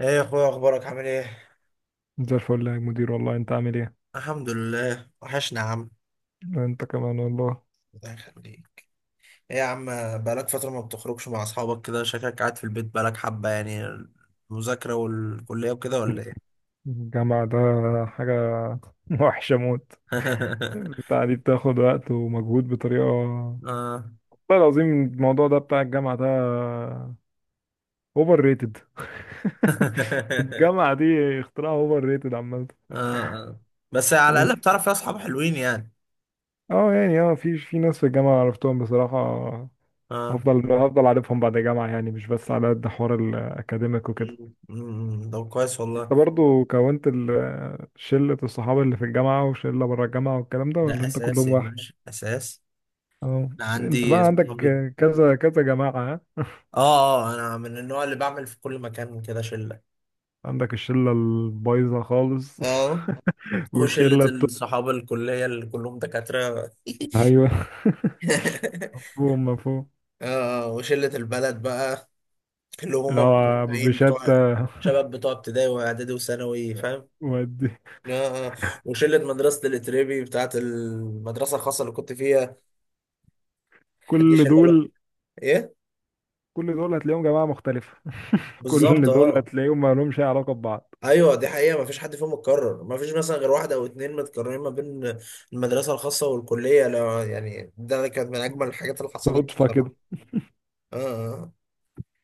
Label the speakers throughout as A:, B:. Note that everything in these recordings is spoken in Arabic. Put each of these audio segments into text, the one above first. A: ايه يا اخويا، اخبارك؟ عامل ايه؟
B: زي الفل يا مدير، والله. انت عامل ايه؟
A: الحمد لله، وحشنا يا عم.
B: انت كمان والله.
A: الله يخليك. ايه يا عم؟ بقالك فترة ما بتخرجش مع اصحابك كده، شكلك قاعد في البيت بقالك حبة يعني، المذاكرة والكلية وكده ولا ايه؟
B: الجامعة ده حاجة وحشة موت. بتاع دي بتاخد وقت ومجهود بطريقة والله
A: اه.
B: العظيم. الموضوع ده بتاع الجامعة ده اوفر ريتد. الجامعة دي اختراع اوفر ريتد عامة.
A: اه، آه. بس على الاقل
B: بس
A: بتعرف فيها اصحاب حلوين يعني.
B: اه يعني في ناس في الجامعة عرفتهم بصراحة.
A: اه.
B: هفضل عارفهم بعد الجامعة، يعني مش بس على قد حوار الأكاديميك وكده.
A: ده كويس والله.
B: انت برضو كونت شلة الصحاب اللي في الجامعة وشلة بره الجامعة والكلام ده،
A: ده
B: ولا انت
A: اساس
B: كلهم
A: يا
B: واحد؟
A: باشا، اساس.
B: اه،
A: انا
B: انت
A: عندي
B: بقى عندك
A: اصحابي.
B: كذا كذا جماعة ها؟
A: اه، اه، انا من النوع اللي بعمل في كل مكان كده شلة.
B: عندك الشلة البايظة خالص
A: اه. وشلة
B: والشلة
A: الصحابة الكلية اللي كلهم دكاترة.
B: ايوه. مفهوم مفهوم.
A: آه، وشلة البلد بقى اللي هم
B: اللي هو
A: متابعين
B: بشتى.
A: بتوع شباب بتوع ابتدائي واعدادي وثانوي، فاهم.
B: ودي.
A: آه، آه. وشلة مدرسة الاتريبي بتاعت المدرسة الخاصة اللي كنت فيها. دي
B: كل
A: شلة لوحدها.
B: دول
A: ايه.
B: كل دول هتلاقيهم جماعة مختلفة.
A: بالظبط،
B: كل دول
A: اه.
B: هتلاقيهم ما لهمش أي علاقة ببعض.
A: ايوه دي حقيقة، مفيش حد فيهم متكرر، مفيش مثلا غير واحد او اتنين متكررين ما بين المدرسة الخاصة والكلية. لا يعني، ده كانت من اجمل الحاجات اللي حصلت
B: صدفة
A: بصراحة.
B: كده.
A: اه، آه.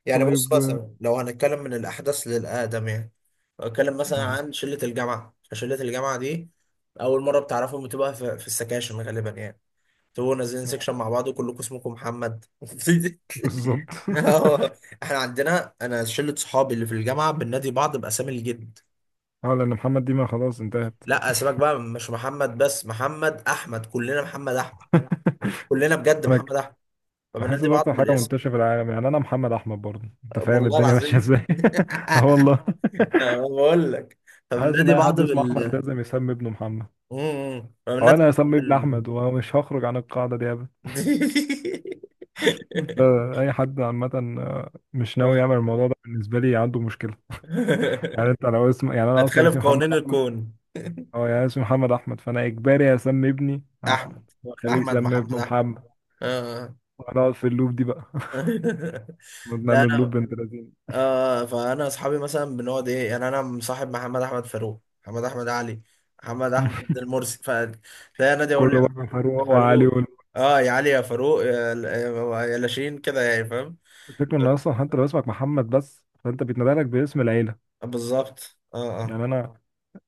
A: يعني بص
B: طيب.
A: مثلا، لو هنتكلم من الأحدث للأقدم يعني. لو هنتكلم مثلا
B: اه،
A: عن شلة الجامعة، فشلة الجامعة دي أول مرة بتعرفهم بتبقى في السكاشن غالبا يعني، تبقوا نازلين
B: آه،
A: سكشن مع بعض وكلكم اسمكم محمد.
B: بالظبط.
A: اه. احنا عندنا، انا شله صحابي اللي في الجامعه بننادي بعض باسامي الجد.
B: اه، لأن محمد ديما خلاص انتهت.
A: لا سيبك بقى، مش محمد بس، محمد احمد، كلنا محمد احمد. كلنا بجد
B: انا
A: محمد
B: ك-
A: احمد.
B: بحس
A: فبننادي
B: ده
A: بعض
B: اكتر حاجه
A: بالاسم.
B: منتشره في العالم، يعني انا محمد احمد برضه، انت فاهم
A: والله
B: الدنيا ماشيه
A: العظيم.
B: ازاي. اه والله.
A: أنا بقول لك،
B: حاسس ان
A: فبننادي
B: اي
A: بعض
B: حد اسمه احمد
A: بال...
B: لازم يسمي ابنه محمد، او
A: الناس
B: انا هسمي ابني
A: ال-
B: احمد ومش هخرج عن القاعده دي ابدا. لا، اي حد عامه، آه، مش ناوي يعمل الموضوع ده بالنسبه لي عنده مشكله. يعني انت لو اسم يعني انا اصلا
A: اتخلف
B: اسمي محمد
A: قوانين
B: احمد.
A: الكون.
B: اه، يعني اسمي محمد احمد، فانا اجباري اسمي ابني احمد
A: احمد.
B: واخليه
A: احمد
B: يسمي
A: محمد
B: ابنه
A: احمد.
B: محمد
A: آه.
B: ونقعد في اللوب دي بقى.
A: لا
B: نعمل لوب
A: انا،
B: بنت لذينه.
A: آه، فانا اصحابي مثلا بنقعد ايه؟ يعني انا مصاحب محمد احمد فاروق، محمد احمد علي، محمد احمد المرسي، فتلاقي نادي يقول لي
B: كله بقى فاروق
A: يا
B: وعلي
A: فاروق.
B: والمؤسس.
A: اه، يا علي، يا فاروق، يا لاشين كده، يعني فاهم.
B: الفكرة ان اصلا حتى لو اسمك محمد بس، فانت بيتنادى لك باسم العيلة.
A: بالظبط، اه.
B: يعني انا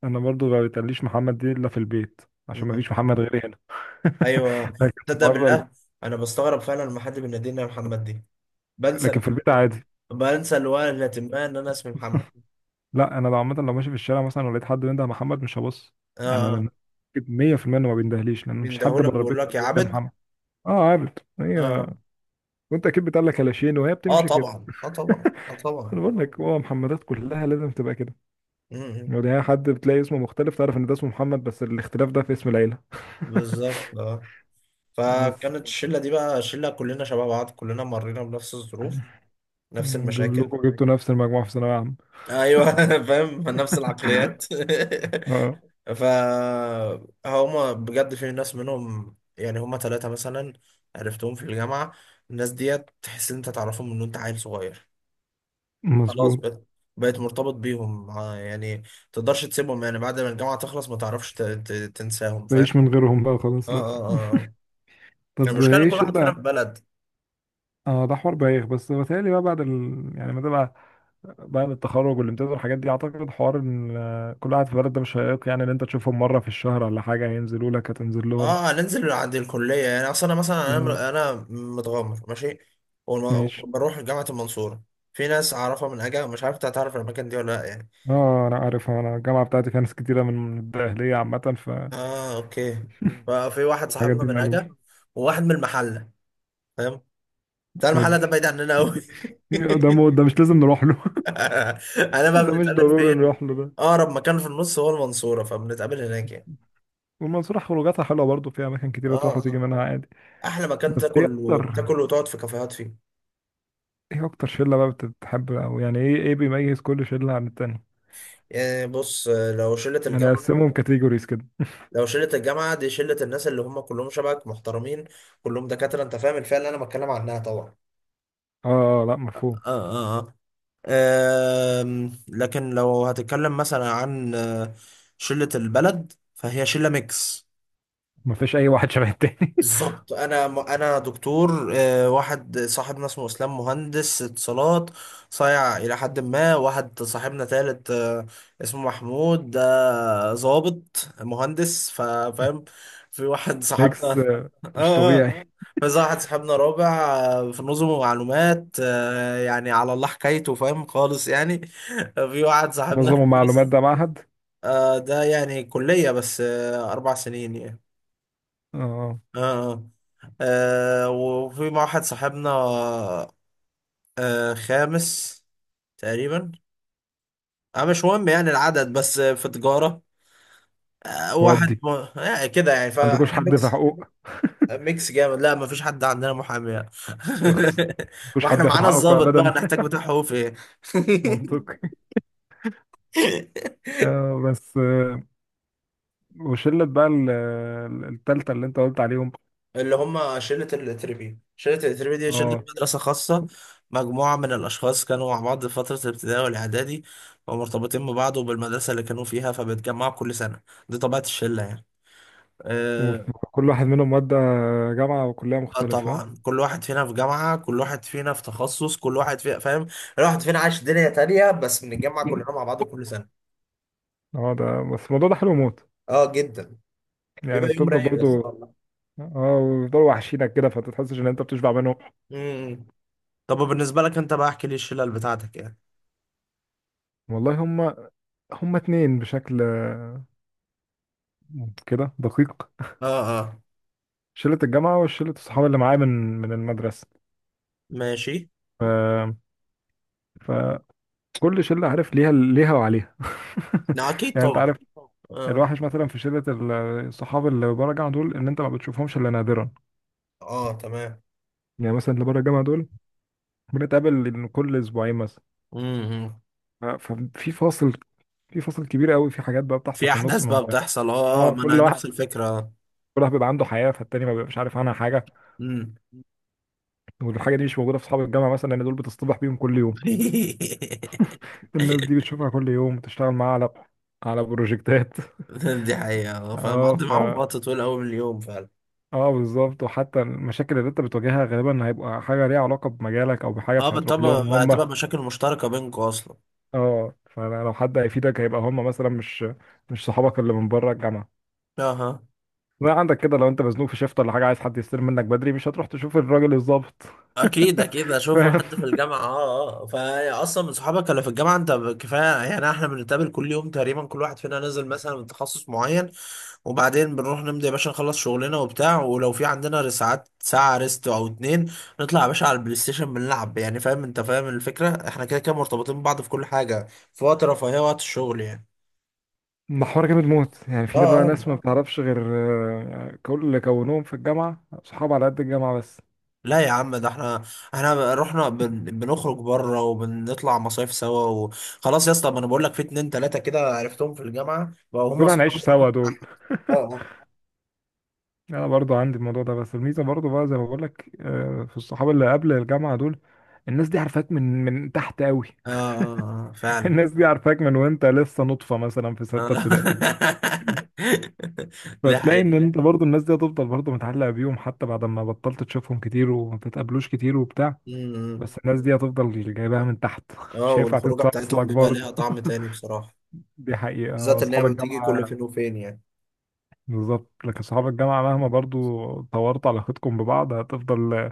B: انا برضو ما بيتقاليش محمد دي الا في البيت، عشان ما فيش
A: اه،
B: محمد غيري هنا.
A: ايوه.
B: لكن
A: تصدق
B: بره
A: بالله، انا بستغرب فعلا لما حد بيناديني يا محمد دي. بنسى.
B: لكن في البيت عادي.
A: بنسى الوهلة ما ان انا اسمي محمد.
B: لا انا لو عامة، لو ماشي في الشارع مثلا ولقيت حد بينده محمد مش هبص. يعني
A: اه.
B: انا أكيد 100% انه ما بيندهليش، لان مفيش حد
A: بيندهولك
B: بره
A: بيقول
B: البيت ما
A: لك يا
B: بيقول لي
A: عبد.
B: محمد. اه، عارف هي.
A: اه،
B: وانت اكيد بتقول لك كلاشين وهي
A: اه
B: بتمشي كده.
A: طبعا، اه طبعا، اه
B: انا
A: طبعا.
B: بقول لك، هو محمدات كلها لازم تبقى كده.
A: امم.
B: يعني هي، حد بتلاقي اسمه مختلف تعرف ان ده اسمه محمد، بس الاختلاف ده في اسم العيلة.
A: بالظبط، اه.
B: بس.
A: فكانت الشله دي بقى شله كلنا شباب بعض، كلنا مرينا بنفس الظروف، نفس المشاكل.
B: كلكم جبتوا نفس المجموعة في ثانوية عامة.
A: ايوه. فاهم نفس العقليات.
B: اه،
A: فهما بجد في ناس منهم، يعني هما ثلاثة مثلا عرفتهم في الجامعة، الناس ديت تحس إن أنت تعرفهم من وأنت عيل صغير. خلاص
B: مظبوط.
A: بقيت مرتبط بيهم، آه، يعني تقدرش تسيبهم يعني بعد ما الجامعة تخلص، ما تعرفش تنساهم، فاهم.
B: بعيش من غيرهم بقى
A: اه،
B: خلاص؟ لا.
A: اه، اه.
B: طب،
A: المشكلة إن كل
B: ايش
A: واحد
B: اللي.
A: فينا في بلد.
B: اه ده حوار بايخ، بس بتهيألي بقى بعد يعني ما تبقى بعد التخرج والامتياز والحاجات دي، اعتقد حوار ان آه، كل واحد في بلد ده مش هيق، يعني ان انت تشوفهم مرة في الشهر ولا حاجة، هينزلوا لك هتنزل لهم.
A: اه، هننزل عند الكلية يعني. أصل أنا مثلا،
B: آه،
A: أنا أنا متغمر ماشي
B: ماشي.
A: وبروح جامعة المنصورة. في ناس أعرفها من أجا، مش عارف أنت هتعرف الأماكن دي ولا لأ يعني.
B: اه، انا عارف، انا الجامعة بتاعتي فيها ناس كتيرة من الدقهلية عامة،
A: اه، اوكي. ففي واحد
B: الحاجات
A: صاحبنا
B: دي
A: من
B: مألوف.
A: اجا، وواحد من المحله، فاهم. بتاع المحله
B: ودي.
A: ده بعيد عننا قوي.
B: ده مش لازم نروح له.
A: انا بقى
B: ده مش
A: بنتقابل
B: ضروري
A: فين؟
B: نروح له.
A: اقرب مكان في النص هو المنصوره، فبنتقابل هناك يعني.
B: والمنصورة خروجاتها حلوة برضه، فيها أماكن كتيرة تروح
A: اه،
B: وتيجي
A: اه.
B: منها عادي.
A: احلى مكان
B: بس إيه
A: تاكل
B: أكتر،
A: وتاكل وتقعد في كافيهات فيه.
B: إيه أكتر شلة بقى بتتحب، أو يعني إيه بيميز كل شلة عن التانية؟
A: يعني بص،
B: يعني أقسمهم كاتيجوريز كده.
A: لو شله الجامعه دي شله الناس اللي هم كلهم شبهك محترمين، كلهم دكاتره، انت فاهم الفئه اللي انا بتكلم عنها طبعا.
B: آه آه، آه، لأ،
A: اه،
B: مفهوم.
A: اه، اه. لكن لو هتتكلم مثلا عن شلة البلد، فهي شلة ميكس.
B: مفيش أي واحد شبه التاني.
A: بالظبط. انا انا دكتور، واحد صاحبنا اسمه اسلام مهندس اتصالات، صايع الى حد ما. واحد صاحبنا تالت، اسمه محمود، ده ضابط مهندس، فاهم. في واحد صاحبنا.
B: ميكس آه، مش
A: اه، اه.
B: طبيعي.
A: في واحد صاحبنا رابع، في نظم ومعلومات، يعني على الله حكايته، فاهم خالص يعني. في واحد صاحبنا
B: نظم ومعلومات
A: خامس،
B: ده معهد؟
A: ده يعني كلية بس، 4 سنين يعني.
B: آه.
A: اه، آه. وفي مع واحد صاحبنا، خامس تقريبا، مش مهم يعني العدد، بس في تجارة، واحد
B: ودي،
A: كده يعني،
B: عندكوش
A: فاحنا
B: حد في
A: ميكس.
B: حقوق؟
A: ميكس جامد. لا، ما فيش حد عندنا محامي يعني.
B: اخس. مفيش
A: ما احنا
B: حد ياخد
A: معانا
B: حقكم
A: الضابط بقى،
B: ابدا.
A: نحتاج بتاع حقوق في ايه؟
B: منطقي. آه، بس وشله بقى التالتة اللي انت قلت عليهم.
A: اللي هم شلة الاتربي دي شلة
B: اه،
A: مدرسة خاصة، مجموعة من الأشخاص كانوا مع بعض في فترة الابتدائي والإعدادي، ومرتبطين ببعض وبالمدرسة اللي كانوا فيها، فبيتجمعوا كل سنة. دي طبيعة الشلة يعني. آه.
B: كل واحد منهم مادة جامعة وكلية
A: آه
B: مختلفة ها؟
A: طبعا، كل واحد فينا في جامعة، كل واحد فينا في تخصص، كل واحد فينا فاهم، كل واحد فينا عايش دنيا تانية، بس بنتجمع كلنا مع بعض كل سنة.
B: اه، ده بس الموضوع ده حلو موت،
A: اه جدا.
B: يعني
A: بيبقى يوم
B: بتفضل
A: رايق يا اسطى
B: برضو.
A: والله.
B: اه، ويفضلوا وحشينك كده فتتحسش ان انت بتشبع منهم.
A: مم. طب بالنسبة لك انت بقى، احكي لي الشلل بتاعتك يعني.
B: والله، هما اتنين بشكل آه، كده دقيق.
A: اه، اه،
B: شلة الجامعة وشلة الصحاب اللي معايا من المدرسة.
A: ماشي.
B: ف... فكل شلة عارف ليها وعليها.
A: لا اكيد
B: يعني انت
A: طبعا.
B: عارف.
A: اه،
B: الوحش مثلا في شلة الصحاب اللي بره الجامعة دول ان انت ما بتشوفهمش الا نادرا.
A: اه، تمام.
B: يعني مثلا اللي بره الجامعة دول بنتقابل كل اسبوعين مثلا.
A: امم.
B: ف- ففي فاصل في فاصل كبير قوي، في حاجات بقى بتحصل
A: في
B: في النص
A: احداث
B: ما
A: بقى
B: بقى.
A: بتحصل، اه آه،
B: اه،
A: ما انا
B: كل واحد
A: نفس الفكره.
B: كل واحد بيبقى عنده حياه فالتاني ما بيبقاش عارف عنها حاجه.
A: امم.
B: والحاجه دي مش موجوده في اصحاب الجامعه مثلا، لان دول بتصطبح بيهم كل يوم. الناس دي بتشوفها كل يوم، بتشتغل معاها على بروجكتات.
A: دي حقيقه،
B: اه
A: فمقضي
B: ف
A: معاهم وقت طويل قوي من اليوم فعلا.
B: اه، بالظبط، وحتى المشاكل اللي انت بتواجهها غالبا هيبقى حاجه ليها علاقه بمجالك او بحاجه،
A: اه،
B: فهتروح
A: بالطبع
B: لهم هم.
A: هتبقى مشاكل مشتركه بينكم اصلا.
B: اه، فلو حد هيفيدك هيبقى هم مثلا، مش صحابك اللي من بره الجامعه.
A: اها.
B: ما عندك كده لو انت مزنوق في شيفت ولا حاجه عايز حد يستلم منك بدري، مش هتروح تشوف الراجل الظابط،
A: اكيد، اكيد اشوف
B: فاهم.
A: حد في الجامعه. اه، اه، فا اصلا من صحابك اللي في الجامعه انت كفايه يعني. احنا بنتقابل كل يوم تقريبا، كل واحد فينا نزل مثلا من تخصص معين، وبعدين بنروح نمضي يا باشا، نخلص شغلنا وبتاع. ولو في عندنا ساعات، ساعة ريست أو اتنين، نطلع يا باشا على البلاي ستيشن بنلعب يعني. فاهم أنت، فاهم الفكرة، احنا كده كده مرتبطين ببعض في كل حاجة، في وقت رفاهية وقت الشغل يعني.
B: محور جامد موت، يعني
A: اه،
B: في بقى
A: اه،
B: ناس ما بتعرفش غير آه، كل اللي كونوهم في الجامعه صحاب على قد الجامعه بس.
A: لا يا عم، ده احنا احنا رحنا بنخرج بره وبنطلع مصايف سوا وخلاص يا اسطى. ما انا بقول لك في اتنين تلاتة كده عرفتهم في الجامعة بقوا هم
B: دول
A: اصحابي
B: هنعيش
A: رقم
B: سوا
A: واحد.
B: دول.
A: اه، اه،
B: انا برضو عندي الموضوع ده، بس الميزه برضو بقى زي ما بقول لك آه، في الصحاب اللي قبل الجامعه دول. الناس دي عارفاك من تحت قوي.
A: اه. آه، آه، فعلا.
B: الناس دي عارفاك من وانت لسه نطفه مثلا في
A: آه.
B: سته ابتدائي.
A: ده
B: فتلاقي ان انت برضو الناس دي هتفضل برضو متعلقة بيهم حتى بعد ما بطلت تشوفهم كتير وما بتتقابلوش كتير وبتاع.
A: حقيقي.
B: بس الناس دي هتفضل جايباها من تحت.
A: اه،
B: مش هينفع
A: والخروجه
B: تنسى
A: بتاعتهم
B: اصلك
A: بيبقى ليها
B: برضو.
A: طعم تاني بصراحه.
B: دي حقيقة، آه،
A: بالذات ان هي
B: اصحاب
A: بتيجي كل
B: الجامعة
A: فين وفين يعني.
B: بالظبط. لكن اصحاب الجامعة مهما برضو طورت علاقتكم ببعض، هتفضل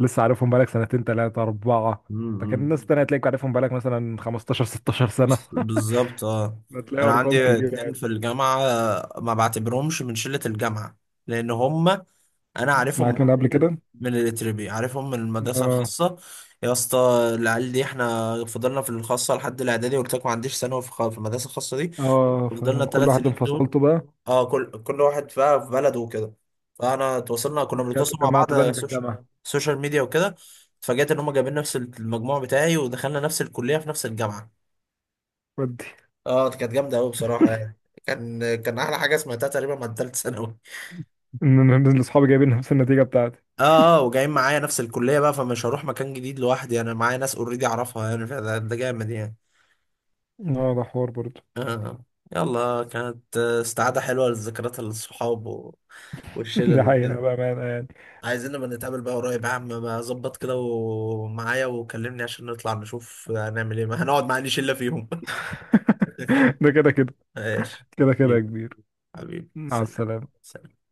B: لسه عارفهم بقالك سنتين 3 4. لكن
A: امم.
B: الناس التانية هتلاقيك عارفهم بقالك مثلا 15 16 سنة.
A: بالظبط، اه.
B: هتلاقي
A: انا
B: ارقام
A: عندي
B: كبيرة
A: اتنين
B: يعني.
A: في الجامعه، ما بعتبرهمش من شله الجامعه لان هم انا عارفهم
B: معاك من قبل كده.
A: من الاتربي، عارفهم من المدرسه
B: اه
A: الخاصه. يا اسطى، العيال دي احنا فضلنا في الخاصه لحد الاعدادي. قلت لك ما عنديش ثانوي في في المدرسه الخاصه دي.
B: اه،
A: فضلنا
B: فكل
A: الثلاث
B: واحد
A: سنين دول،
B: انفصلته بقى،
A: اه، كل واحد بقى في بلده وكده. فانا تواصلنا، كنا
B: رجعت
A: بنتواصل مع
B: اتجمعتوا
A: بعض
B: تاني في
A: سوشيال،
B: الجامعة.
A: سوشيال ميديا وكده. اتفاجأت ان هم جايبين نفس المجموع بتاعي، ودخلنا نفس الكلية في نفس الجامعة.
B: ودي،
A: اه كانت جامدة قوي بصراحة يعني. كان احلى حاجة سمعتها تقريبا من ثالث ثانوي.
B: ان انا إن اصحابي جايبين نفس النتيجه بتاعتي.
A: اه، اه، وجايين معايا نفس الكلية بقى، فمش هروح مكان جديد لوحدي، انا معايا ناس اوريدي اعرفها يعني. ده جامد يعني.
B: اه، ده حوار برضه.
A: آه. آه. يلا، كانت استعادة حلوة للذكريات، الصحاب
B: دي
A: والشلل
B: حقيقه
A: وكده.
B: بامانه يعني.
A: عايزين نبقى نتقابل بقى قريب يا عم، ما ظبط كده ومعايا وكلمني عشان نطلع نشوف هنعمل ايه. ما هنقعد مع اي شلة فيهم.
B: ده كده كده،
A: ماشي.
B: كده كده يا
A: حبيبي.
B: كبير.
A: حبيبي
B: مع
A: سلام.
B: السلامه.
A: سلام.